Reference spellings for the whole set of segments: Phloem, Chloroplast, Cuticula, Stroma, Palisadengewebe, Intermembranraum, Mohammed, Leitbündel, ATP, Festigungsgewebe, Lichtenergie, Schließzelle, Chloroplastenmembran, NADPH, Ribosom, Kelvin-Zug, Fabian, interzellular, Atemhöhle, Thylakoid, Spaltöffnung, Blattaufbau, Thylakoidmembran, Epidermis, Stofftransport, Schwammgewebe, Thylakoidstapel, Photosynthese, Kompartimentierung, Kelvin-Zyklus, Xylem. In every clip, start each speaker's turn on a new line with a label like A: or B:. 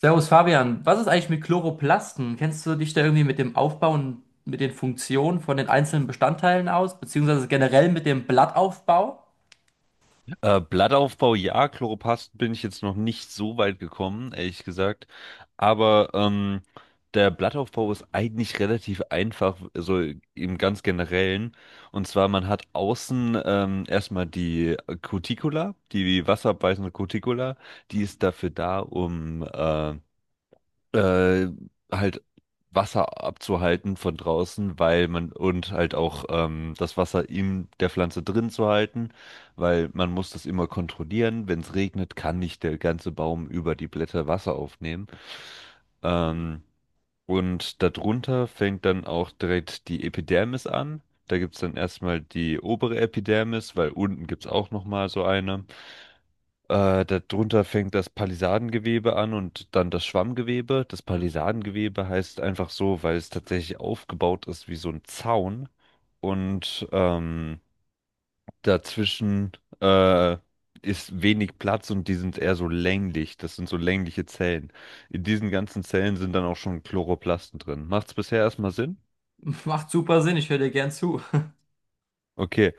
A: Servus Fabian, was ist eigentlich mit Chloroplasten? Kennst du dich da irgendwie mit dem Aufbau und mit den Funktionen von den einzelnen Bestandteilen aus, beziehungsweise generell mit dem Blattaufbau?
B: Blattaufbau, ja, Chloroplasten bin ich jetzt noch nicht so weit gekommen, ehrlich gesagt. Aber der Blattaufbau ist eigentlich relativ einfach, so im ganz Generellen. Und zwar, man hat außen erstmal die Cuticula, die wasserabweisende Cuticula. Die ist dafür da, um äh, halt Wasser abzuhalten von draußen, weil man und halt auch das Wasser in der Pflanze drin zu halten, weil man muss das immer kontrollieren. Wenn es regnet, kann nicht der ganze Baum über die Blätter Wasser aufnehmen. Ähm, und darunter fängt dann auch direkt die Epidermis an. Da gibt es dann erstmal die obere Epidermis, weil unten gibt es auch nochmal so eine. Darunter fängt das Palisadengewebe an und dann das Schwammgewebe. Das Palisadengewebe heißt einfach so, weil es tatsächlich aufgebaut ist wie so ein Zaun und dazwischen äh, ist wenig Platz und die sind eher so länglich. Das sind so längliche Zellen. In diesen ganzen Zellen sind dann auch schon Chloroplasten drin. Macht's bisher erstmal Sinn?
A: Macht super Sinn, ich höre dir gern zu.
B: Okay.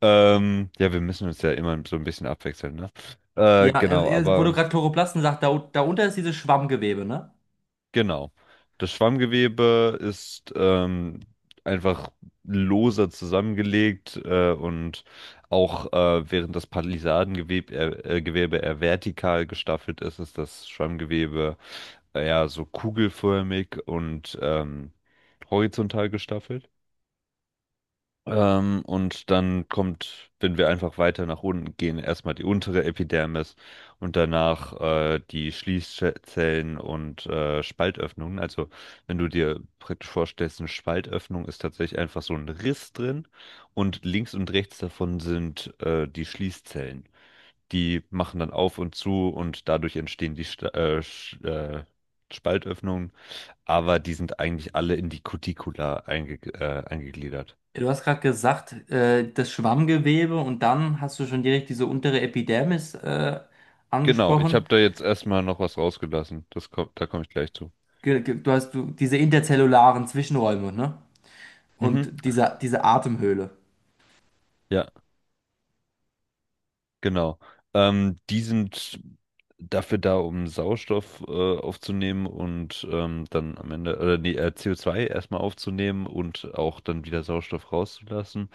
B: Ja, wir müssen uns ja immer so ein bisschen abwechseln, ne?
A: Ja,
B: Genau,
A: wo du
B: aber.
A: gerade Chloroplasten sagst, darunter ist dieses Schwammgewebe, ne?
B: Genau. Das Schwammgewebe ist einfach loser zusammengelegt und auch während das Palisadengewebe eher, Gewebe eher vertikal gestaffelt ist, ist das Schwammgewebe eher so kugelförmig und horizontal gestaffelt. Und dann kommt, wenn wir einfach weiter nach unten gehen, erstmal die untere Epidermis und danach die Schließzellen und Spaltöffnungen. Also wenn du dir praktisch vorstellst, eine Spaltöffnung ist tatsächlich einfach so ein Riss drin und links und rechts davon sind die Schließzellen. Die machen dann auf und zu und dadurch entstehen die Sta Sch Spaltöffnungen, aber die sind eigentlich alle in die Cuticula eingegliedert.
A: Ja, Du hast gerade gesagt, das Schwammgewebe und dann hast du schon direkt diese untere Epidermis
B: Genau, ich habe
A: angesprochen.
B: da jetzt erstmal noch was rausgelassen. Das kommt, da komme ich gleich zu.
A: Du hast diese interzellularen Zwischenräume, ne?
B: Mhm.
A: Und diese Atemhöhle.
B: Ja, genau. Die sind dafür da, um Sauerstoff aufzunehmen und dann am Ende, nee, CO2 erstmal aufzunehmen und auch dann wieder Sauerstoff rauszulassen.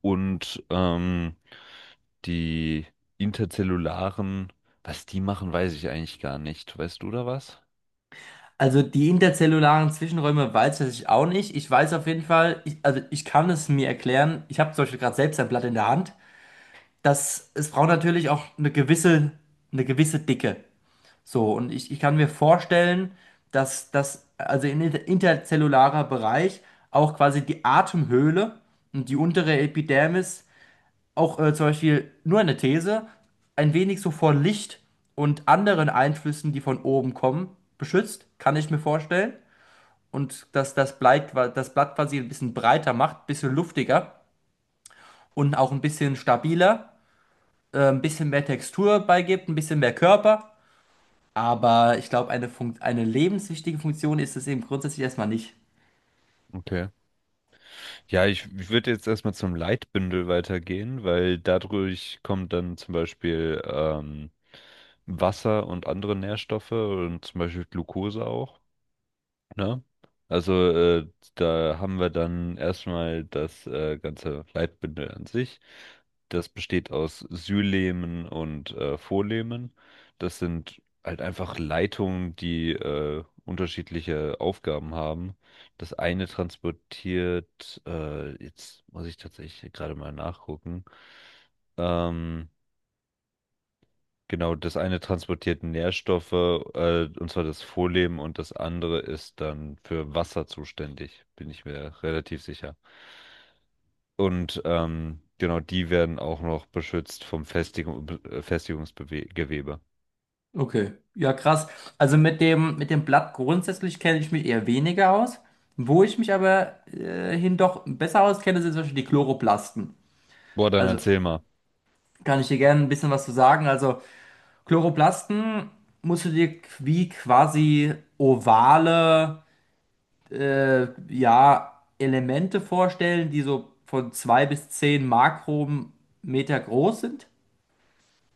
B: Und die interzellularen, was die machen, weiß ich eigentlich gar nicht. Weißt du da was?
A: Also die interzellularen Zwischenräume weiß ich auch nicht. Ich weiß auf jeden Fall, also ich kann es mir erklären, ich habe zum Beispiel gerade selbst ein Blatt in der Hand, dass es braucht natürlich auch eine gewisse Dicke. So, und ich kann mir vorstellen, dass das, also in interzellularer Bereich auch quasi die Atemhöhle und die untere Epidermis auch zum Beispiel nur eine These, ein wenig so vor Licht und anderen Einflüssen, die von oben kommen, beschützt, kann ich mir vorstellen und dass das Blatt quasi ein bisschen breiter macht, ein bisschen luftiger und auch ein bisschen stabiler, ein bisschen mehr Textur beigibt, ein bisschen mehr Körper. Aber ich glaube, eine lebenswichtige Funktion ist es eben grundsätzlich erstmal nicht.
B: Okay. Ja, ich würde jetzt erstmal zum Leitbündel weitergehen, weil dadurch kommt dann zum Beispiel Wasser und andere Nährstoffe und zum Beispiel Glucose auch. Ne? Also da haben wir dann erstmal das ganze Leitbündel an sich. Das besteht aus Sylemen und Vorlehmen. Das sind halt einfach Leitungen, die unterschiedliche Aufgaben haben. Das eine transportiert, jetzt muss ich tatsächlich gerade mal nachgucken. Ähm, Genau, das eine transportiert Nährstoffe, und zwar das Vorleben, und das andere ist dann für Wasser zuständig, bin ich mir relativ sicher. Und genau, die werden auch noch beschützt vom Festigungsgewebe.
A: Okay, ja krass. Also mit mit dem Blatt grundsätzlich kenne ich mich eher weniger aus. Wo ich mich aber hin doch besser auskenne, sind zum Beispiel die Chloroplasten.
B: Boah, dann
A: Also
B: erzähl mal.
A: kann ich dir gerne ein bisschen was zu sagen. Also Chloroplasten musst du dir wie quasi ovale ja, Elemente vorstellen, die so von 2 bis 10 Makrometer groß sind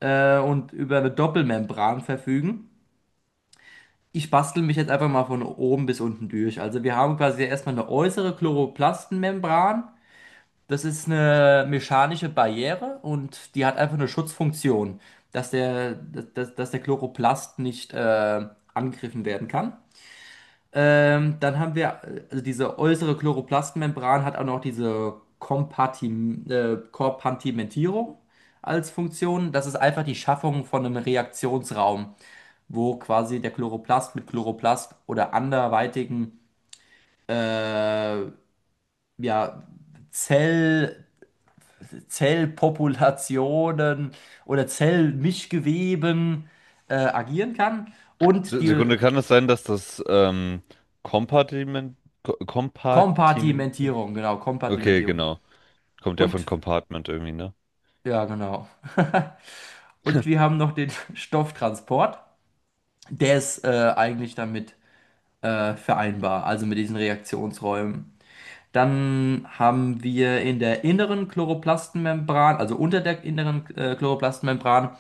A: und über eine Doppelmembran verfügen. Ich bastel mich jetzt einfach mal von oben bis unten durch. Also wir haben quasi erstmal eine äußere Chloroplastenmembran. Das ist eine mechanische Barriere und die hat einfach eine Schutzfunktion, dass dass der Chloroplast nicht angegriffen werden kann. Dann haben wir, also diese äußere Chloroplastmembran hat auch noch diese Kompartimentierung als Funktion. Das ist einfach die Schaffung von einem Reaktionsraum, wo quasi der Chloroplast mit Chloroplast oder anderweitigen ja, Zell Zellpopulationen oder Zellmischgeweben agieren kann. Und die
B: Sekunde, kann es sein, dass das Kompartiment, Kompartiment,
A: Kompartimentierung, genau,
B: okay,
A: Kompartimentierung.
B: genau, kommt ja von
A: Und,
B: Compartment irgendwie, ne?
A: ja, genau. Und wir haben noch den Stofftransport. Der ist eigentlich damit vereinbar, also mit diesen Reaktionsräumen. Dann haben wir in der inneren Chloroplastenmembran, also unter der inneren Chloroplastenmembran,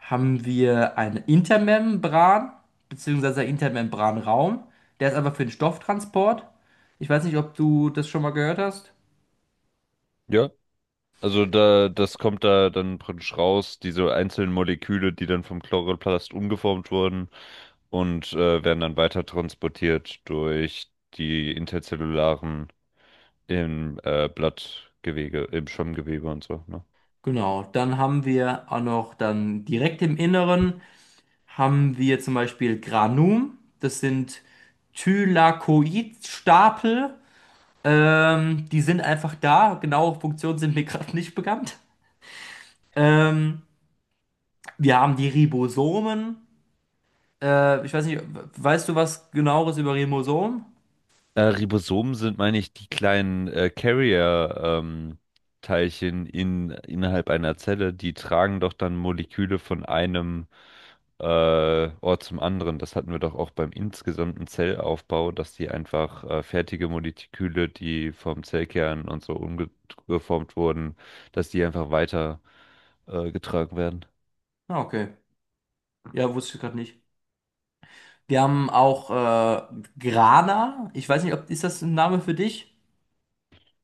A: haben wir eine Intermembran, beziehungsweise Intermembranraum. Der ist einfach für den Stofftransport. Ich weiß nicht, ob du das schon mal gehört hast.
B: Ja. Also da, das kommt da dann praktisch raus, diese einzelnen Moleküle, die dann vom Chloroplast umgeformt wurden und werden dann weiter transportiert durch die interzellularen im Blattgewebe, im Schwammgewebe und so, ne?
A: Genau, dann haben wir auch noch dann direkt im Inneren haben wir zum Beispiel Granum. Das sind Thylakoidstapel. Die sind einfach da. Genaue Funktionen sind mir gerade nicht bekannt. Ähm, wir haben die Ribosomen. Ich weiß nicht, Weißt du was genaueres über Ribosomen?
B: Ribosomen sind, meine ich, die kleinen Carrier-Teilchen innerhalb einer Zelle, die tragen doch dann Moleküle von einem Ort zum anderen. Das hatten wir doch auch beim insgesamten Zellaufbau, dass die einfach fertige Moleküle, die vom Zellkern und so umgeformt wurden, dass die einfach weiter getragen werden.
A: Ah, okay. Ja, wusste ich gerade nicht. Wir haben auch Grana. Ich weiß nicht, ob ist das ein Name für dich?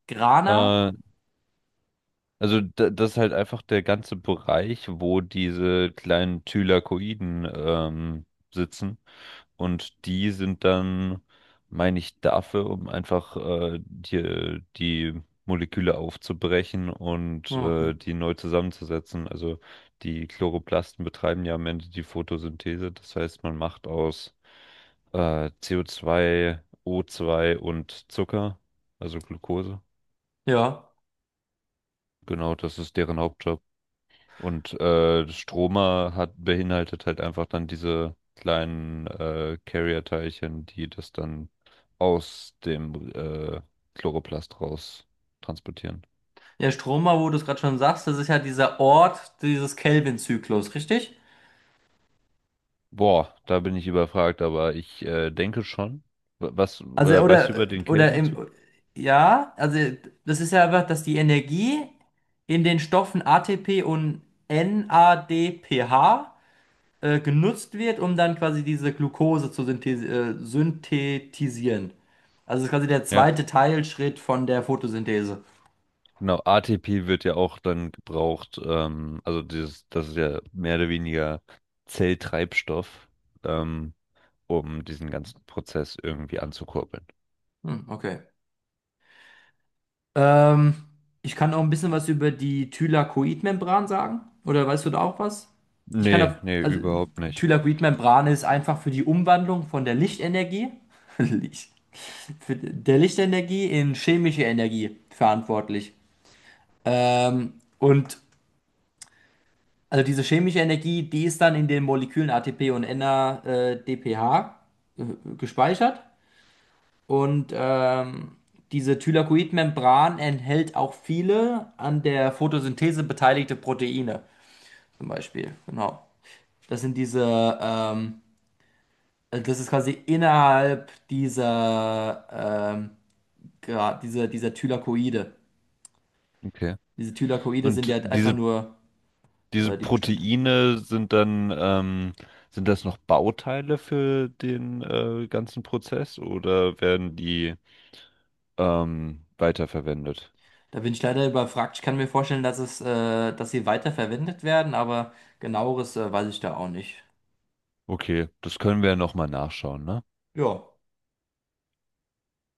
A: Grana?
B: Äh, Also da, das ist halt einfach der ganze Bereich, wo diese kleinen Thylakoiden sitzen. Und die sind dann, meine ich, dafür, um einfach die Moleküle aufzubrechen und
A: Ah, okay.
B: die neu zusammenzusetzen. Also die Chloroplasten betreiben ja am Ende die Photosynthese. Das heißt, man macht aus CO2, O2 und Zucker, also Glucose.
A: Ja.
B: Genau, das ist deren Hauptjob. Und Stromer hat beinhaltet halt einfach dann diese kleinen Carrier-Teilchen, die das dann aus dem Chloroplast raus transportieren.
A: Ja, Stroma, wo du es gerade schon sagst, das ist ja dieser Ort dieses Kelvin-Zyklus, richtig?
B: Boah, da bin ich überfragt, aber ich denke schon. Was
A: Also,
B: weißt du über den
A: oder im,
B: Kelvin-Zug?
A: ja, also, das ist ja einfach, dass die Energie in den Stoffen ATP und NADPH genutzt wird, um dann quasi diese Glucose zu synthes synthetisieren. Also es ist quasi der
B: Ja,
A: zweite Teilschritt von der Photosynthese.
B: genau. ATP wird ja auch dann gebraucht. Also dieses, das ist ja mehr oder weniger Zelltreibstoff, ähm, um diesen ganzen Prozess irgendwie anzukurbeln.
A: Hm, okay. Ähm, ich kann auch ein bisschen was über die Thylakoidmembran sagen. Oder weißt du da auch was? Ich kann
B: Nee,
A: da,
B: nee,
A: also
B: überhaupt nicht.
A: Thylakoidmembran ist einfach für die Umwandlung von der Lichtenergie, Licht, für der Lichtenergie in chemische Energie verantwortlich. Ähm, und Also diese chemische Energie, die ist dann in den Molekülen ATP und NADPH gespeichert. Und diese Thylakoidmembran enthält auch viele an der Photosynthese beteiligte Proteine, zum Beispiel. Genau. Das sind diese, also das ist quasi innerhalb dieser, ähm, dieser, dieser Thylakoide.
B: Okay.
A: Diese Thylakoide sind
B: Und
A: ja einfach
B: diese,
A: nur
B: diese
A: die Bestandteile.
B: Proteine sind dann, sind das noch Bauteile für den, ganzen Prozess oder werden die, weiterverwendet?
A: Da bin ich leider überfragt. Ich kann mir vorstellen, dass es, dass sie weiterverwendet werden, aber genaueres, weiß ich da auch nicht.
B: Okay, das können wir ja nochmal nachschauen, ne?
A: Ja.